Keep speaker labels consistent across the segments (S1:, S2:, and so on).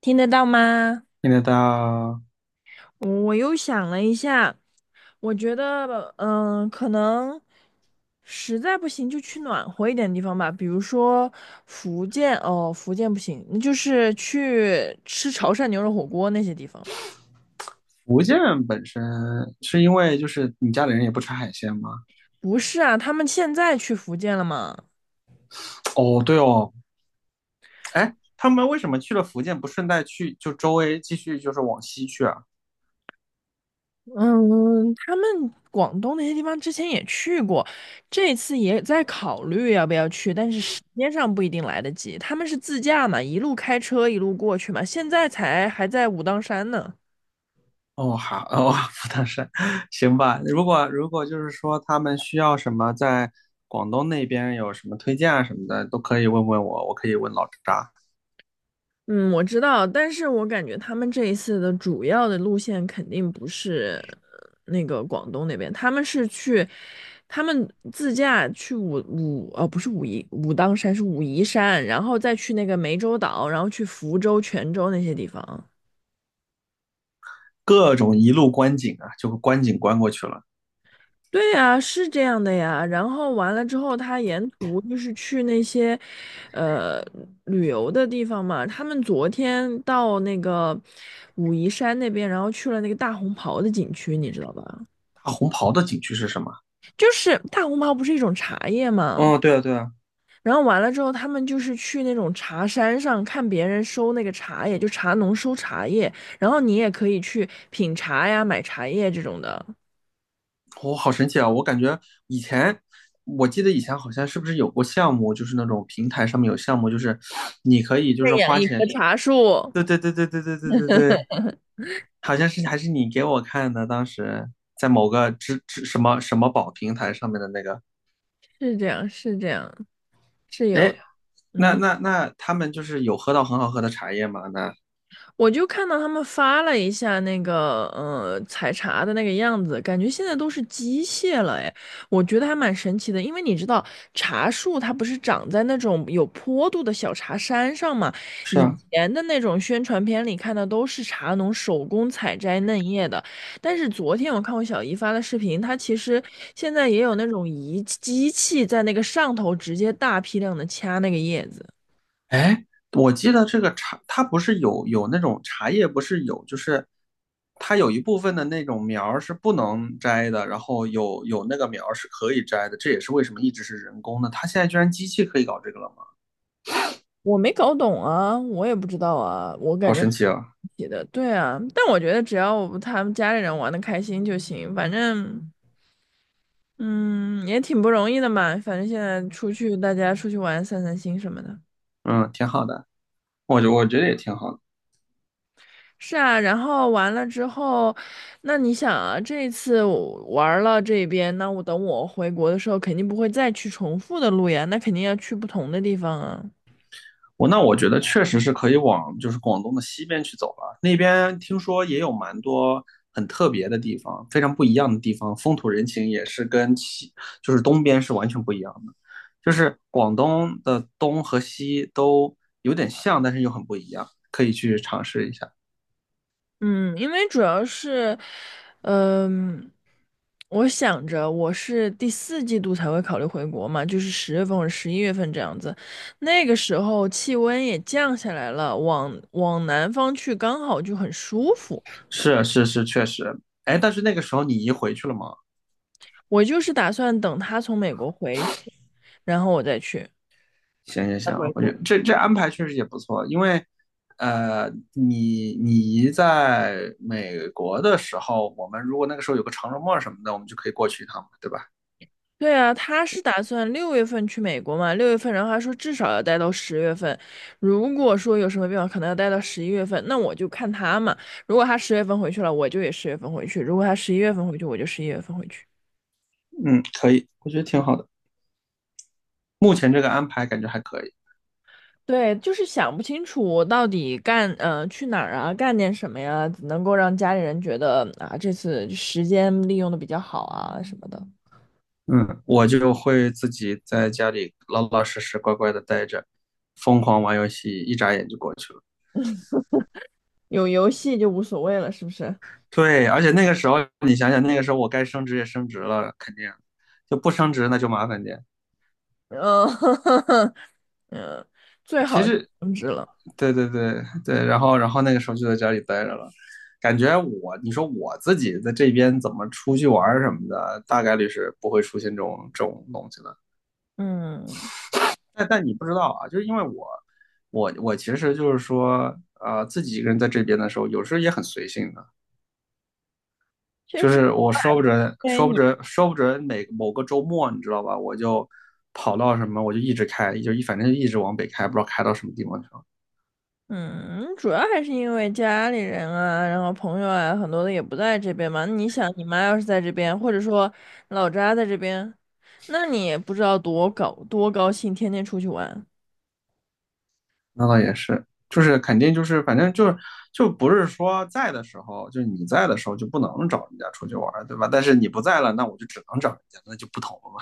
S1: 听得到吗？
S2: 现在到
S1: 我又想了一下，我觉得，可能实在不行就去暖和一点的地方吧，比如说福建，哦，福建不行，那就是去吃潮汕牛肉火锅那些地方。
S2: 福建本身是因为就是你家里人也不吃海鲜吗？
S1: 不是啊，他们现在去福建了吗？
S2: 哦，对哦，哎，他们为什么去了福建不顺带去就周围继续就是往西去啊？
S1: 嗯，他们广东那些地方之前也去过，这次也在考虑要不要去，但是时间上不一定来得及。他们是自驾嘛，一路开车一路过去嘛，现在才还在武当山呢。
S2: 哦，好，哦，福冈山，行吧。如果就是说他们需要什么在广东那边有什么推荐啊什么的，都可以问问我，我可以问老扎。
S1: 嗯，我知道，但是我感觉他们这一次的主要的路线肯定不是那个广东那边，他们是去，他们自驾去哦，不是武当山是武夷山，然后再去那个湄洲岛，然后去福州、泉州那些地方。
S2: 各种一路观景啊，就观景观过去了。
S1: 对呀，是这样的呀。然后完了之后，他沿途就是去那些，呃，旅游的地方嘛。他们昨天到那个武夷山那边，然后去了那个大红袍的景区，你知道吧？
S2: 大红袍的景区是什么？
S1: 就是大红袍不是一种茶叶嘛。
S2: 哦，对啊，对啊。
S1: 然后完了之后，他们就是去那种茶山上看别人收那个茶叶，就茶农收茶叶，然后你也可以去品茶呀、买茶叶这种的，
S2: 好神奇啊！我感觉以前，我记得以前好像是不是有过项目，就是那种平台上面有项目，就是你可以就是
S1: 认养
S2: 花
S1: 一
S2: 钱。
S1: 棵茶树。
S2: 对对对对对对对对对，好像是还是你给我看的，当时在某个支支什么什么宝平台上面的那个。
S1: 是这样，是这样，是
S2: 哎，
S1: 有。
S2: 那
S1: 嗯，
S2: 那那他们就是有喝到很好喝的茶叶吗？那
S1: 我就看到他们发了一下那个，采茶的那个样子，感觉现在都是机械了，哎，我觉得还蛮神奇的，因为你知道茶树它不是长在那种有坡度的小茶山上嘛，
S2: 是
S1: 以
S2: 啊。
S1: 前的那种宣传片里看的都是茶农手工采摘嫩叶的，但是昨天我看我小姨发的视频，它其实现在也有那种机器在那个上头直接大批量的掐那个叶子。
S2: 哎，我记得这个茶，它不是有那种茶叶，不是有，就是它有一部分的那种苗儿是不能摘的，然后有那个苗儿是可以摘的，这也是为什么一直是人工的。它现在居然机器可以搞这个了吗？
S1: 我没搞懂啊，我也不知道啊，我
S2: 好
S1: 感觉
S2: 神奇啊！
S1: 写的对啊，但我觉得只要他们家里人玩的开心就行，反正嗯也挺不容易的嘛，反正现在出去大家出去玩散散心什么的。
S2: 嗯，挺好的，我觉得也挺好的。
S1: 是啊，然后完了之后，那你想啊，这一次我玩了这边，那我等我回国的时候肯定不会再去重复的路呀，那肯定要去不同的地方啊。
S2: 那我觉得确实是可以往就是广东的西边去走了，那边听说也有蛮多很特别的地方，非常不一样的地方，风土人情也是就是东边是完全不一样的，就是广东的东和西都有点像，但是又很不一样，可以去尝试一下。
S1: 嗯，因为主要是，嗯、我想着我是第4季度才会考虑回国嘛，就是十月份或者十一月份这样子，那个时候气温也降下来了，往南方去刚好就很舒服。
S2: 是是是，确实。哎，但是那个时候你移回去了吗？
S1: 我就是打算等他从美国回去，然后我再去，
S2: 行行
S1: 再
S2: 行，
S1: 回
S2: 我觉得
S1: 国。
S2: 这安排确实也不错，因为，呃，你姨在美国的时候，我们如果那个时候有个长周末什么的，我们就可以过去一趟嘛，对吧？
S1: 对啊，他是打算六月份去美国嘛？六月份，然后他说至少要待到十月份。如果说有什么变化，可能要待到十一月份，那我就看他嘛。如果他十月份回去了，我就也十月份回去；如果他十一月份回去，我就十一月份回去。
S2: 嗯，可以，我觉得挺好的。目前这个安排感觉还可以。
S1: 对，就是想不清楚我到底干，去哪儿啊，干点什么呀，能够让家里人觉得啊，这次时间利用的比较好啊什么的。
S2: 嗯，我就会自己在家里老老实实乖乖的待着，疯狂玩游戏，一眨眼就过去了。
S1: 有游戏就无所谓了，是不是？
S2: 对，而且那个时候你想想，那个时候我该升职也升职了，肯定就不升职那就麻烦点。
S1: 嗯，嗯，最
S2: 其
S1: 好
S2: 实
S1: 终止了。
S2: 对对对对，然后那个时候就在家里待着了，感觉我你说我自己在这边怎么出去玩儿什么的，大概率是不会出现这种东西的。
S1: 嗯，
S2: 但你不知道啊，就是因为我其实就是说，自己一个人在这边的时候，有时候也很随性的，
S1: 其实
S2: 就是我说不准
S1: 对
S2: 说不
S1: 你，
S2: 准说不准某个周末，你知道吧，我就跑到什么我就一直开，反正就一直往北开，不知道开到什么地方去了。
S1: 嗯，主要还是因为家里人啊，然后朋友啊，很多的也不在这边嘛。你想，你妈要是在这边，或者说老家在这边，那你也不知道多高兴，天天出去玩。
S2: 那倒也是，就是肯定就是反正就是就不是说在的时候，就你在的时候就不能找人家出去玩儿，对吧？但是你不在了，那我就只能找人家，那就不同了嘛。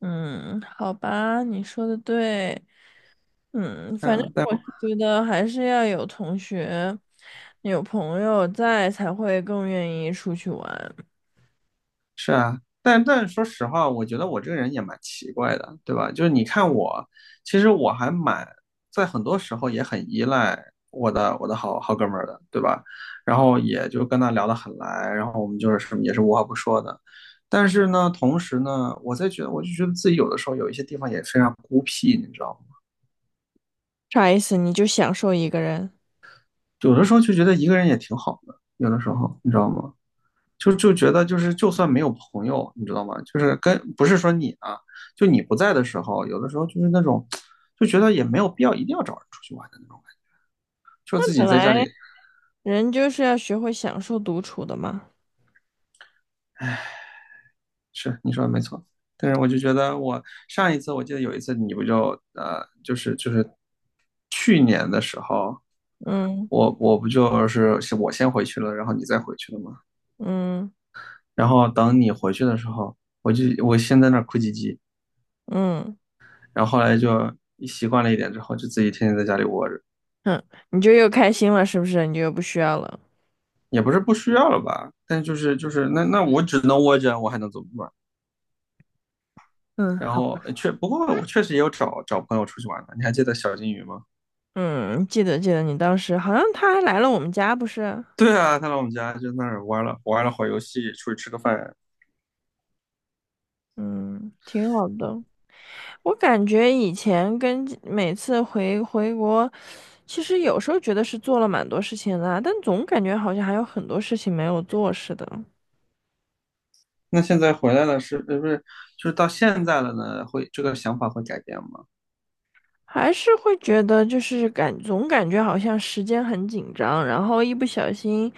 S1: 嗯，好吧，你说的对。嗯，反正
S2: 嗯，但
S1: 我是觉得还是要有同学、有朋友在，才会更愿意出去玩。
S2: 是啊，但说实话，我觉得我这个人也蛮奇怪的，对吧？就是你看我，其实我还蛮在很多时候也很依赖我的好哥们儿的，对吧？然后也就跟他聊得很来，然后我们就是什么也是无话不说的。但是呢，同时呢，我就觉得自己有的时候有一些地方也非常孤僻，你知道吗？
S1: 啥意思？你就享受一个人？
S2: 有的时候就觉得一个人也挺好的，有的时候你知道吗？就觉得就是就算没有朋友，你知道吗？就是跟不是说你啊，就你不在的时候，有的时候就是那种就觉得也没有必要一定要找人出去玩的那种感觉就
S1: 那
S2: 自己
S1: 本
S2: 在家
S1: 来
S2: 里
S1: 人就是要学会享受独处的嘛。
S2: 是你说的没错。但是我就觉得我上一次我记得有一次你不就就是去年的时候，
S1: 嗯
S2: 我不就是我先回去了，然后你再回去了吗？
S1: 嗯
S2: 然后等你回去的时候，我先在那儿哭唧唧，
S1: 嗯
S2: 然后后来就习惯了一点之后，就自己天天在家里窝着。
S1: 嗯，你就又开心了，是不是？你就又不需要了。
S2: 也不是不需要了吧，但就是那我只能窝着，我还能怎么办？
S1: 嗯，
S2: 然
S1: 好，
S2: 后不过我确实也有找找朋友出去玩的，你还记得小金鱼吗？
S1: 嗯，记得记得，你当时好像他还来了我们家，不是？
S2: 对啊，他来我们家就那儿玩了会儿游戏，出去吃个饭。
S1: 嗯，挺好的。我感觉以前跟每次回国，其实有时候觉得是做了蛮多事情的啊但总感觉好像还有很多事情没有做似的。
S2: 那现在回来了不是就是到现在了呢？会这个想法会改变吗？
S1: 还是会觉得就是总感觉好像时间很紧张，然后一不小心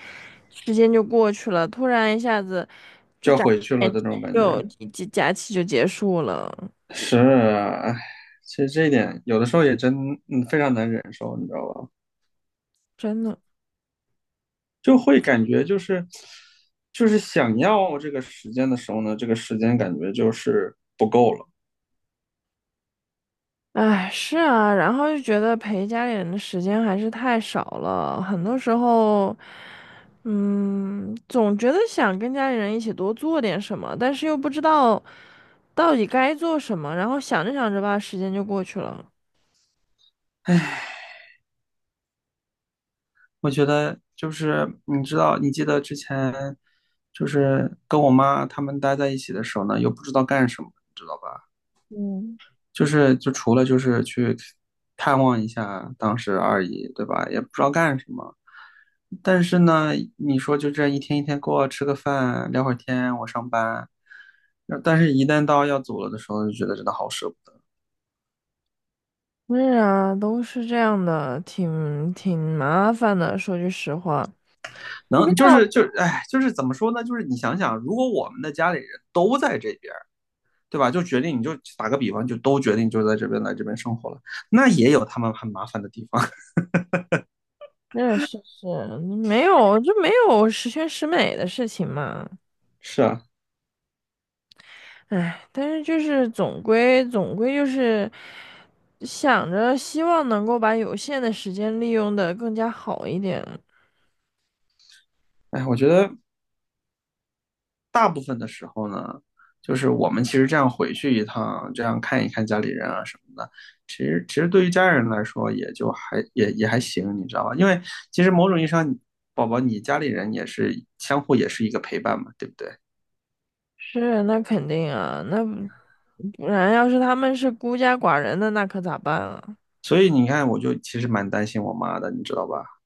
S1: 时间就过去了，突然一下子就
S2: 就要
S1: 眨
S2: 回去了
S1: 眼
S2: 的
S1: 睛
S2: 那种感
S1: 就
S2: 觉。
S1: 假期就结束了，
S2: 是啊，唉，其实这一点有的时候也真非常难忍受，你知道吧？
S1: 真的。
S2: 就会感觉就是想要这个时间的时候呢，这个时间感觉就是不够了。
S1: 哎，是啊，然后就觉得陪家里人的时间还是太少了，很多时候，总觉得想跟家里人一起多做点什么，但是又不知道到底该做什么，然后想着想着吧，时间就过去了。
S2: 哎，我觉得就是你知道，你记得之前就是跟我妈他们待在一起的时候呢，又不知道干什么，你知道吧？就是除了就是去探望一下当时二姨，对吧？也不知道干什么。但是呢，你说就这一天一天过，吃个饭，聊会儿天，我上班。但是，一旦到要走了的时候，就觉得真的好舍不得。
S1: 是啊，都是这样的，挺麻烦的。说句实话，不知
S2: 能就是
S1: 道，
S2: 就是，哎，就是怎么说呢？就是你想想，如果我们的家里人都在这边，对吧？就决定你就打个比方，就都决定就在这边来这边生活了，那也有他们很麻烦的地方。
S1: 嗯，是是，没有，就没有十全十美的事情嘛。
S2: 是啊，
S1: 唉，但是就是总归就是想着希望能够把有限的时间利用的更加好一点。
S2: 哎，我觉得大部分的时候呢，就是我们其实这样回去一趟，这样看一看家里人啊什么的，其实对于家人来说也就还也还行，你知道吧？因为其实某种意义上，宝宝你家里人也是相互也是一个陪伴嘛，对不对？
S1: 是，那肯定啊，那不然要是他们是孤家寡人的，那可咋办啊？
S2: 所以你看，我就其实蛮担心我妈的，你知道吧？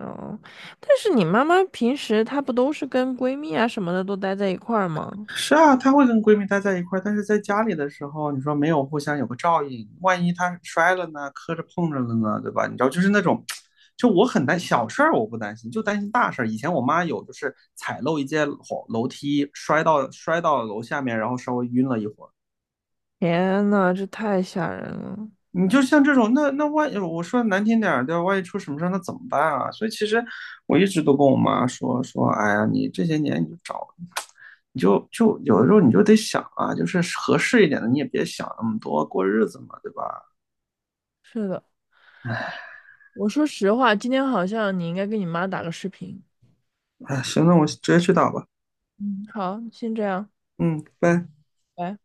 S1: 哦，但是你妈妈平时她不都是跟闺蜜啊什么的都待在一块儿吗？
S2: 是啊，她会跟闺蜜待在一块儿，但是在家里的时候，你说没有互相有个照应，万一她摔了呢，磕着碰着了呢，对吧？你知道，就是那种，就我很担小事儿，我不担心，就担心大事儿。以前我妈有就是踩漏一阶楼梯，摔到楼下面，然后稍微晕了一会儿。
S1: 天呐，这太吓人了。
S2: 你就像这种，那万一我说难听点儿，对吧？万一出什么事儿，那怎么办啊？所以其实我一直都跟我妈说说，哎呀，你这些年你就有的时候你就得想啊，就是合适一点的，你也别想那么多，过日子嘛，对吧？
S1: 是的，我说实话，今天好像你应该跟你妈打个视频。
S2: 哎，行，那我直接去打吧。
S1: 嗯，好，先这样，
S2: 嗯，拜。
S1: 拜。